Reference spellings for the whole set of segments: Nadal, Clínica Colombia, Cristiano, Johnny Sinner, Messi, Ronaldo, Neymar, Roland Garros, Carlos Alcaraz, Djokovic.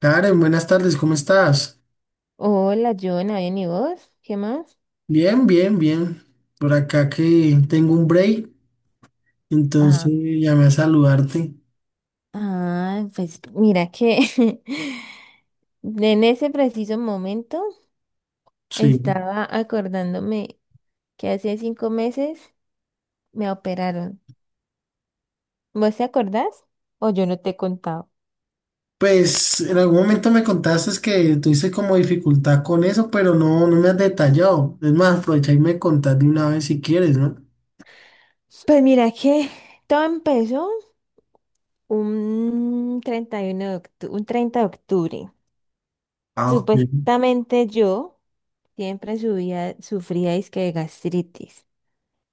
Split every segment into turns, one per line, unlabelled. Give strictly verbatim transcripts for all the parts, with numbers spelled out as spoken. Karen, buenas tardes, ¿cómo estás?
Hola, Jonah, bien, ¿y vos? ¿Qué más?
Bien, bien, bien. Por acá que tengo un break, entonces
Ah,
llamé a saludarte.
Ah, pues mira que en ese preciso momento
Sí.
estaba acordándome que hace cinco meses me operaron. ¿Vos te acordás? O yo no te he contado.
Pues en algún momento me contaste que tuviste como dificultad con eso, pero no, no me has detallado. Es más, aprovecha y me contás de una vez si quieres, ¿no?
Pues mira que todo empezó un treinta y uno de octu- un treinta de octubre.
Ah, ok.
Supuestamente yo siempre subía, sufría disque de gastritis.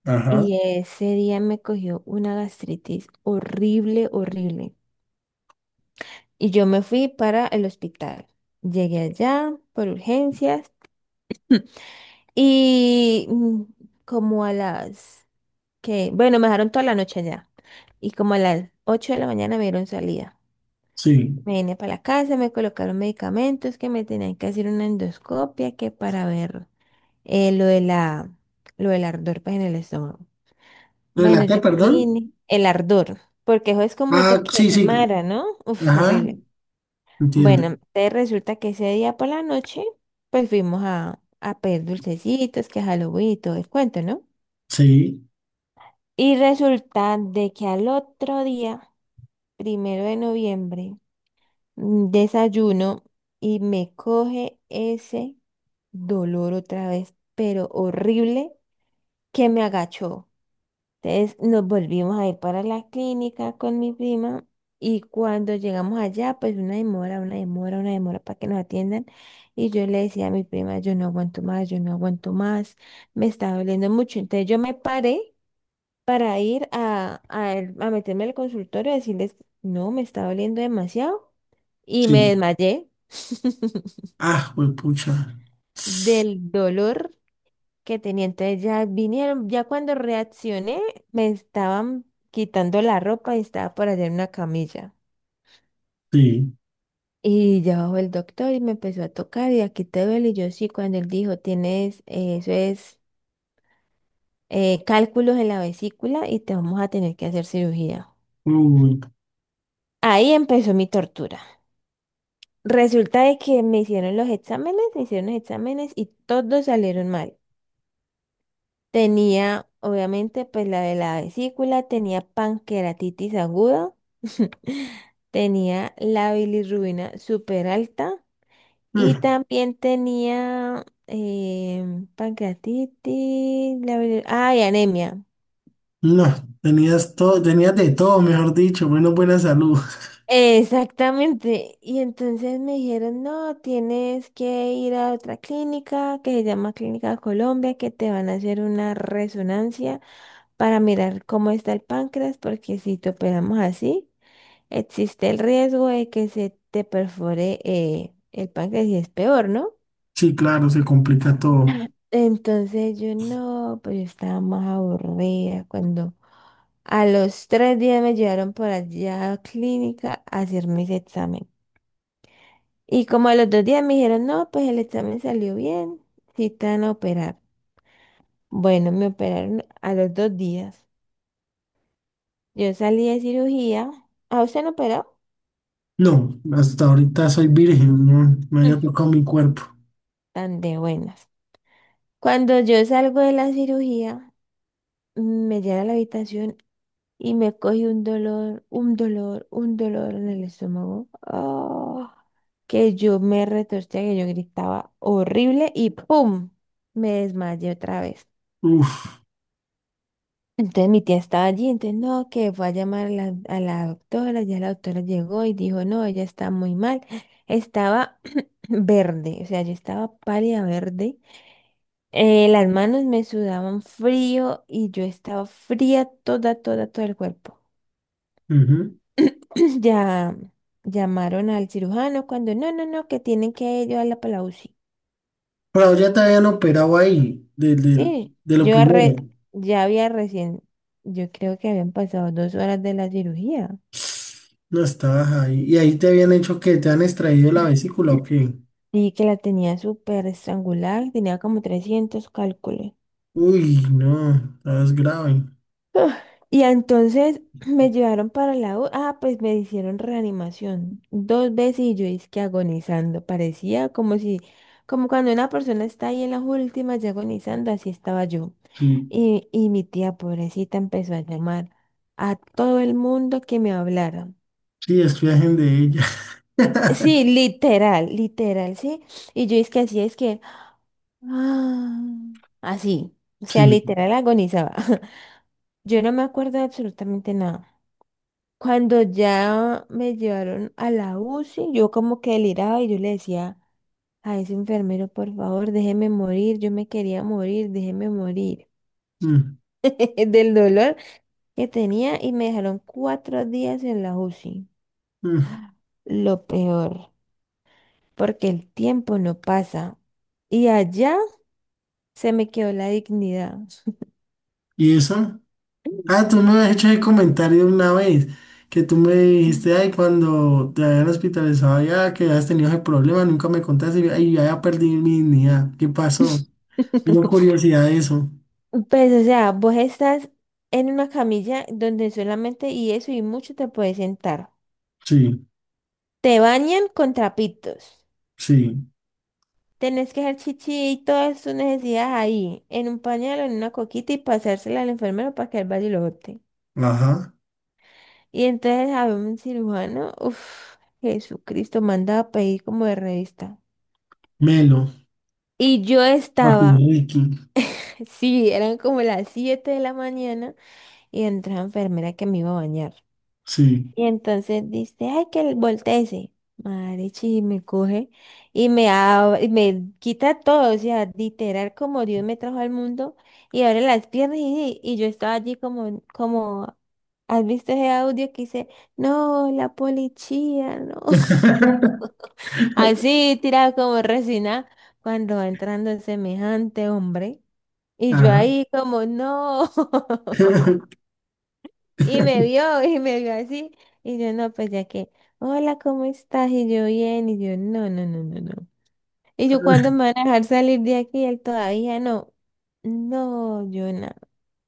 Ajá.
Y ese día me cogió una gastritis horrible, horrible. Y yo me fui para el hospital. Llegué allá por urgencias y mm, como a las que, bueno, me dejaron toda la noche allá. Y como a las ocho de la mañana me dieron salida.
Sí.
Me vine para la casa, me colocaron medicamentos que me tenían que hacer una endoscopia que para ver eh, lo de la, lo del ardor pues, en el estómago.
¿Lo de
Bueno,
la qué,
yo
perdón?
vine el ardor, porque eso es como si te
Ah, sí, sí.
quemara, ¿no? Uf,
Ajá,
horrible.
entiendo.
Bueno, entonces resulta que ese día por la noche, pues fuimos a, a pedir dulcecitos, que Halloween y todo el cuento, ¿no?
Sí,
Y resulta de que al otro día, primero de noviembre, mm, desayuno y me coge ese dolor otra vez, pero horrible, que me agachó. Entonces nos volvimos a ir para la clínica con mi prima y cuando llegamos allá, pues una demora, una demora, una demora para que nos atiendan. Y yo le decía a mi prima, yo no aguanto más, yo no aguanto más, me está doliendo mucho. Entonces yo me paré para ir a, a, el- a meterme al consultorio y decirles, no, me está doliendo demasiado. Y me
sí.
desmayé
Ah, pues pucha.
del dolor que tenía. Entonces ya vinieron, ya cuando reaccioné, me estaban quitando la ropa y estaba por allá en una camilla.
Sí.
Y ya bajó el doctor y me empezó a tocar y aquí te duele. Y yo sí, cuando él dijo, tienes, eh, eso es eh, cálculos en la vesícula y te vamos a tener que hacer cirugía.
Uy.
Ahí empezó mi tortura. Resulta de que me hicieron los exámenes, me hicieron los exámenes y todos salieron mal. Tenía, obviamente, pues la de la vesícula, tenía pancreatitis aguda, tenía la bilirrubina súper alta y
Mm.
también tenía em, pancreatitis, la bilir- ah, y anemia.
No, tenías todo, tenías de todo, mejor dicho, menos buena salud.
Exactamente. Y entonces me dijeron, no, tienes que ir a otra clínica que se llama Clínica Colombia, que te van a hacer una resonancia para mirar cómo está el páncreas, porque si te operamos así. Existe el riesgo de que se te perfore eh, el páncreas y es peor, ¿no?
Sí, claro, se complica todo.
Entonces yo no, pues yo estaba más aburrida cuando a los tres días me llevaron por allá a la clínica a hacerme ese examen. Y como a los dos días me dijeron, no, pues el examen salió bien, sí te van a operar. Bueno, me operaron a los dos días. Yo salí de cirugía. ¿A usted no operó?
No, hasta ahorita soy virgen, no, no
Mm.
había tocado mi cuerpo.
Tan de buenas. Cuando yo salgo de la cirugía, me llevé a la habitación y me cogí un dolor, un dolor, un dolor en el estómago. Ah, que yo me retorcía, que yo gritaba horrible y ¡pum! Me desmayé otra vez.
Uf,
Entonces mi tía estaba allí, entonces no, que fue a llamar a la, a la doctora, ya la doctora llegó y dijo, no, ella está muy mal. Estaba verde, o sea, yo estaba pálida verde. Eh, las manos me sudaban frío y yo estaba fría toda, toda, todo el cuerpo.
ujú.
Ya llamaron al cirujano cuando no, no, no, que tienen que llevarla para la U C I.
Pero ya te habían operado ahí, de, de,
Sí,
de lo
yo re,
primero.
ya había recién, yo creo que habían pasado dos horas de la cirugía,
No estabas ahí. ¿Y ahí te habían hecho que te han extraído la vesícula o qué?
y que la tenía súper estrangular, tenía como trescientos cálculos.
Uy, no, estabas grave.
Y entonces me llevaron para la U, ah, pues me hicieron reanimación dos veces y yo es que agonizando, parecía como si, como cuando una persona está ahí en las últimas ya agonizando, así estaba yo.
Sí,
Y, y mi tía pobrecita empezó a llamar a todo el mundo que me hablara.
sí, estoy virgen de ella.
Sí, literal, literal, sí. Y yo es que así es que, ah, así, o sea,
Sí.
literal agonizaba. Yo no me acuerdo de absolutamente nada. Cuando ya me llevaron a la U C I, yo como que deliraba y yo le decía a ese enfermero, por favor, déjeme morir, yo me quería morir, déjeme morir
mm,
del dolor que tenía y me dejaron cuatro días en la U C I.
mm.
Lo peor, porque el tiempo no pasa y allá se me quedó la dignidad.
¿Y eso? Ah, tú me has hecho ese comentario una vez, que tú me
Mm.
dijiste, ay, cuando te habían hospitalizado ya, que habías tenido ese problema, nunca me contaste, y yo, ay, ya, ya perdí mi dignidad, ¿qué pasó? Tengo curiosidad de eso.
Pues, o sea, vos estás en una camilla donde solamente y eso y mucho te puedes sentar.
Sí,
Te bañan con trapitos.
sí,
Tenés que hacer chichi y todas tus necesidades ahí, en un pañal o en una coquita y pasársela al enfermero para que él vaya y lo bote.
ajá.
Y entonces a un cirujano, uff, Jesucristo, mandaba a pedir como de revista.
Melo,
Y yo
papi
estaba,
Ricky,
sí, eran como las siete de la mañana y entró la enfermera que me iba a bañar.
sí.
Y entonces dice, ay, que volteese. Marichi, y me coge y me, ab- y me quita todo, o sea, literal como Dios me trajo al mundo y abre las piernas y, y yo estaba allí como, como, ¿has visto ese audio que dice, no, la policía, no? Así, tirada como resina, cuando va entrando semejante hombre. Y yo
Ajá,
ahí como, no. Y me vio, y me vio así. Y yo, no, pues ya que, hola, ¿cómo estás? Y yo, bien. Y yo, no, no, no, no, no. Y yo, ¿cuándo me van a dejar salir de aquí? Y él todavía no. No, yo no.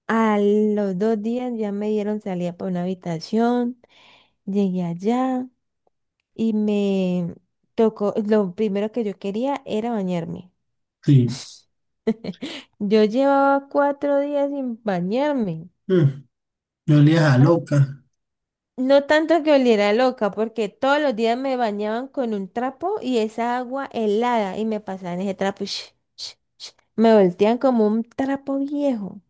A los dos días ya me dieron salida para una habitación. Llegué allá y me tocó, lo primero que yo quería era bañarme.
sí.
Yo llevaba cuatro días sin bañarme.
Mm, me olía a loca.
No tanto que oliera loca, porque todos los días me bañaban con un trapo y esa agua helada y me pasaban ese trapo. y sh- sh- sh, Me voltean como un trapo viejo.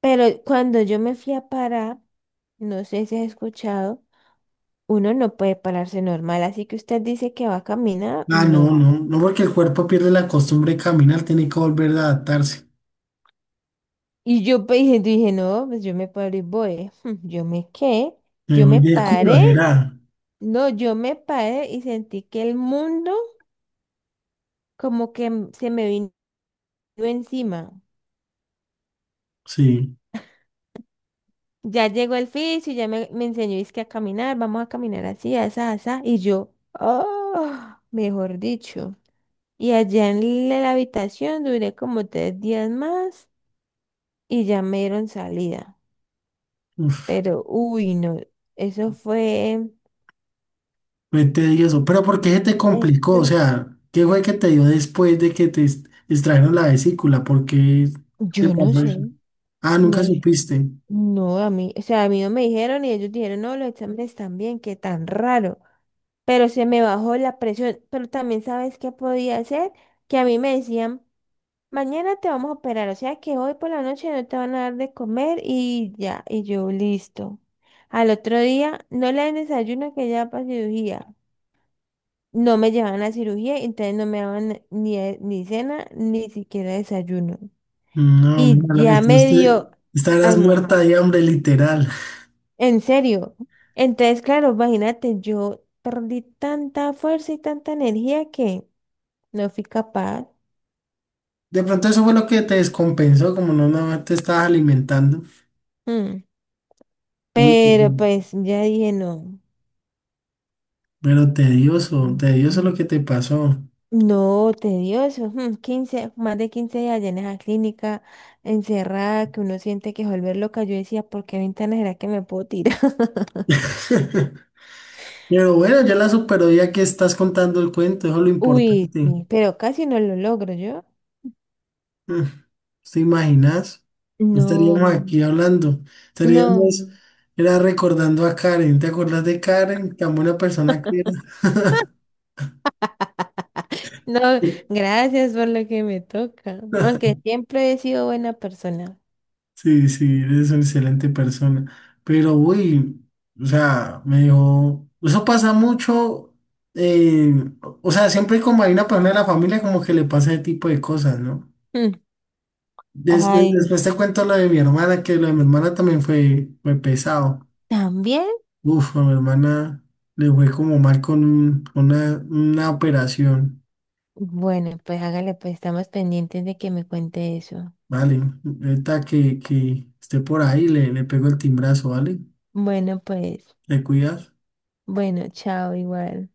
Pero cuando yo me fui a parar, no sé si has escuchado, uno no puede pararse normal, así que usted dice que va a caminar,
Ah, no,
no.
no, no, porque el cuerpo pierde la costumbre de caminar, tiene que volver a adaptarse.
Y yo pues, dije, dije, no, pues yo me paro y voy. Yo me qué,
Me
yo
voy
me
de culo,
paré,
será.
no, yo me paré y sentí que el mundo como que m- se me vino yo encima.
Sí.
Ya llegó el fisio, ya me, me enseñó es que a caminar, vamos a caminar así, asá, asá. Y yo, oh, mejor dicho. Y allá en la la habitación duré como tres días más y ya me dieron salida.
Uf.
Pero, uy, no, eso fue,
Fue tedioso, pero ¿por qué se te complicó? O
eso,
sea, ¿qué fue que te dio después de que te ex- extrajeron la vesícula? ¿Por qué te
yo no
pasó eso?
sé,
Ah,
no,
nunca
yo-
supiste.
no, a mí, o sea, a mí no me dijeron y ellos dijeron, no, los exámenes están bien qué tan raro. Pero se me bajó la presión. Pero también sabes qué podía hacer, que a mí me decían, mañana te vamos a operar, o sea que hoy por la noche no te van a dar de comer y ya, y yo listo. Al otro día no le dan desayuno que ya para cirugía. No me llevaban a cirugía, entonces no me daban ni, eh, ni cena, ni siquiera desayuno.
No,
Y
mira, lo que
ya
tú
medio
este-
dio
estarás muerta
almorzado.
de hambre, literal.
En serio. Entonces, claro, imagínate, yo perdí tanta fuerza y tanta energía que no fui capaz.
De pronto eso fue lo que te descompensó, como no, no te estabas alimentando.
Mm.
Uy, pero
Pero pues ya dije, no,
pero tedioso, tedioso lo que te pasó.
no, tedioso. Mm, 15, más de quince días allá en esa clínica, encerrada, que uno siente que se vuelve loca. Yo decía, ¿por qué ventana será que me puedo tirar?
Pero bueno, ya la superó ya que estás contando el cuento, eso es lo
Uy,
importante.
sí, pero casi no lo logro yo.
Mm, ¿te imaginas? No
No,
estaríamos aquí hablando. Estaríamos
no,
era recordando a Karen. ¿Te acuerdas de Karen? Tan buena persona que era.
no, gracias por lo que me toca. Aunque siempre he sido buena persona.
Sí, sí, eres una excelente persona. Pero, uy, o sea, me dijo, eso pasa mucho. eh, o sea, siempre como hay una persona de la familia, como que le pasa ese tipo de cosas, ¿no?
Mm.
Des- des-
Ay,
después te cuento lo de mi hermana, que lo de mi hermana también fue, fue pesado.
también.
Uf, a mi hermana le fue como mal con un- una, una operación,
Bueno, pues hágale, pues estamos pendientes de que me cuente eso.
¿vale? Ahorita que, que esté por ahí, le, le pego el timbrazo, ¿vale?
Bueno, pues,
¿Le cuidas?
bueno, chao, igual.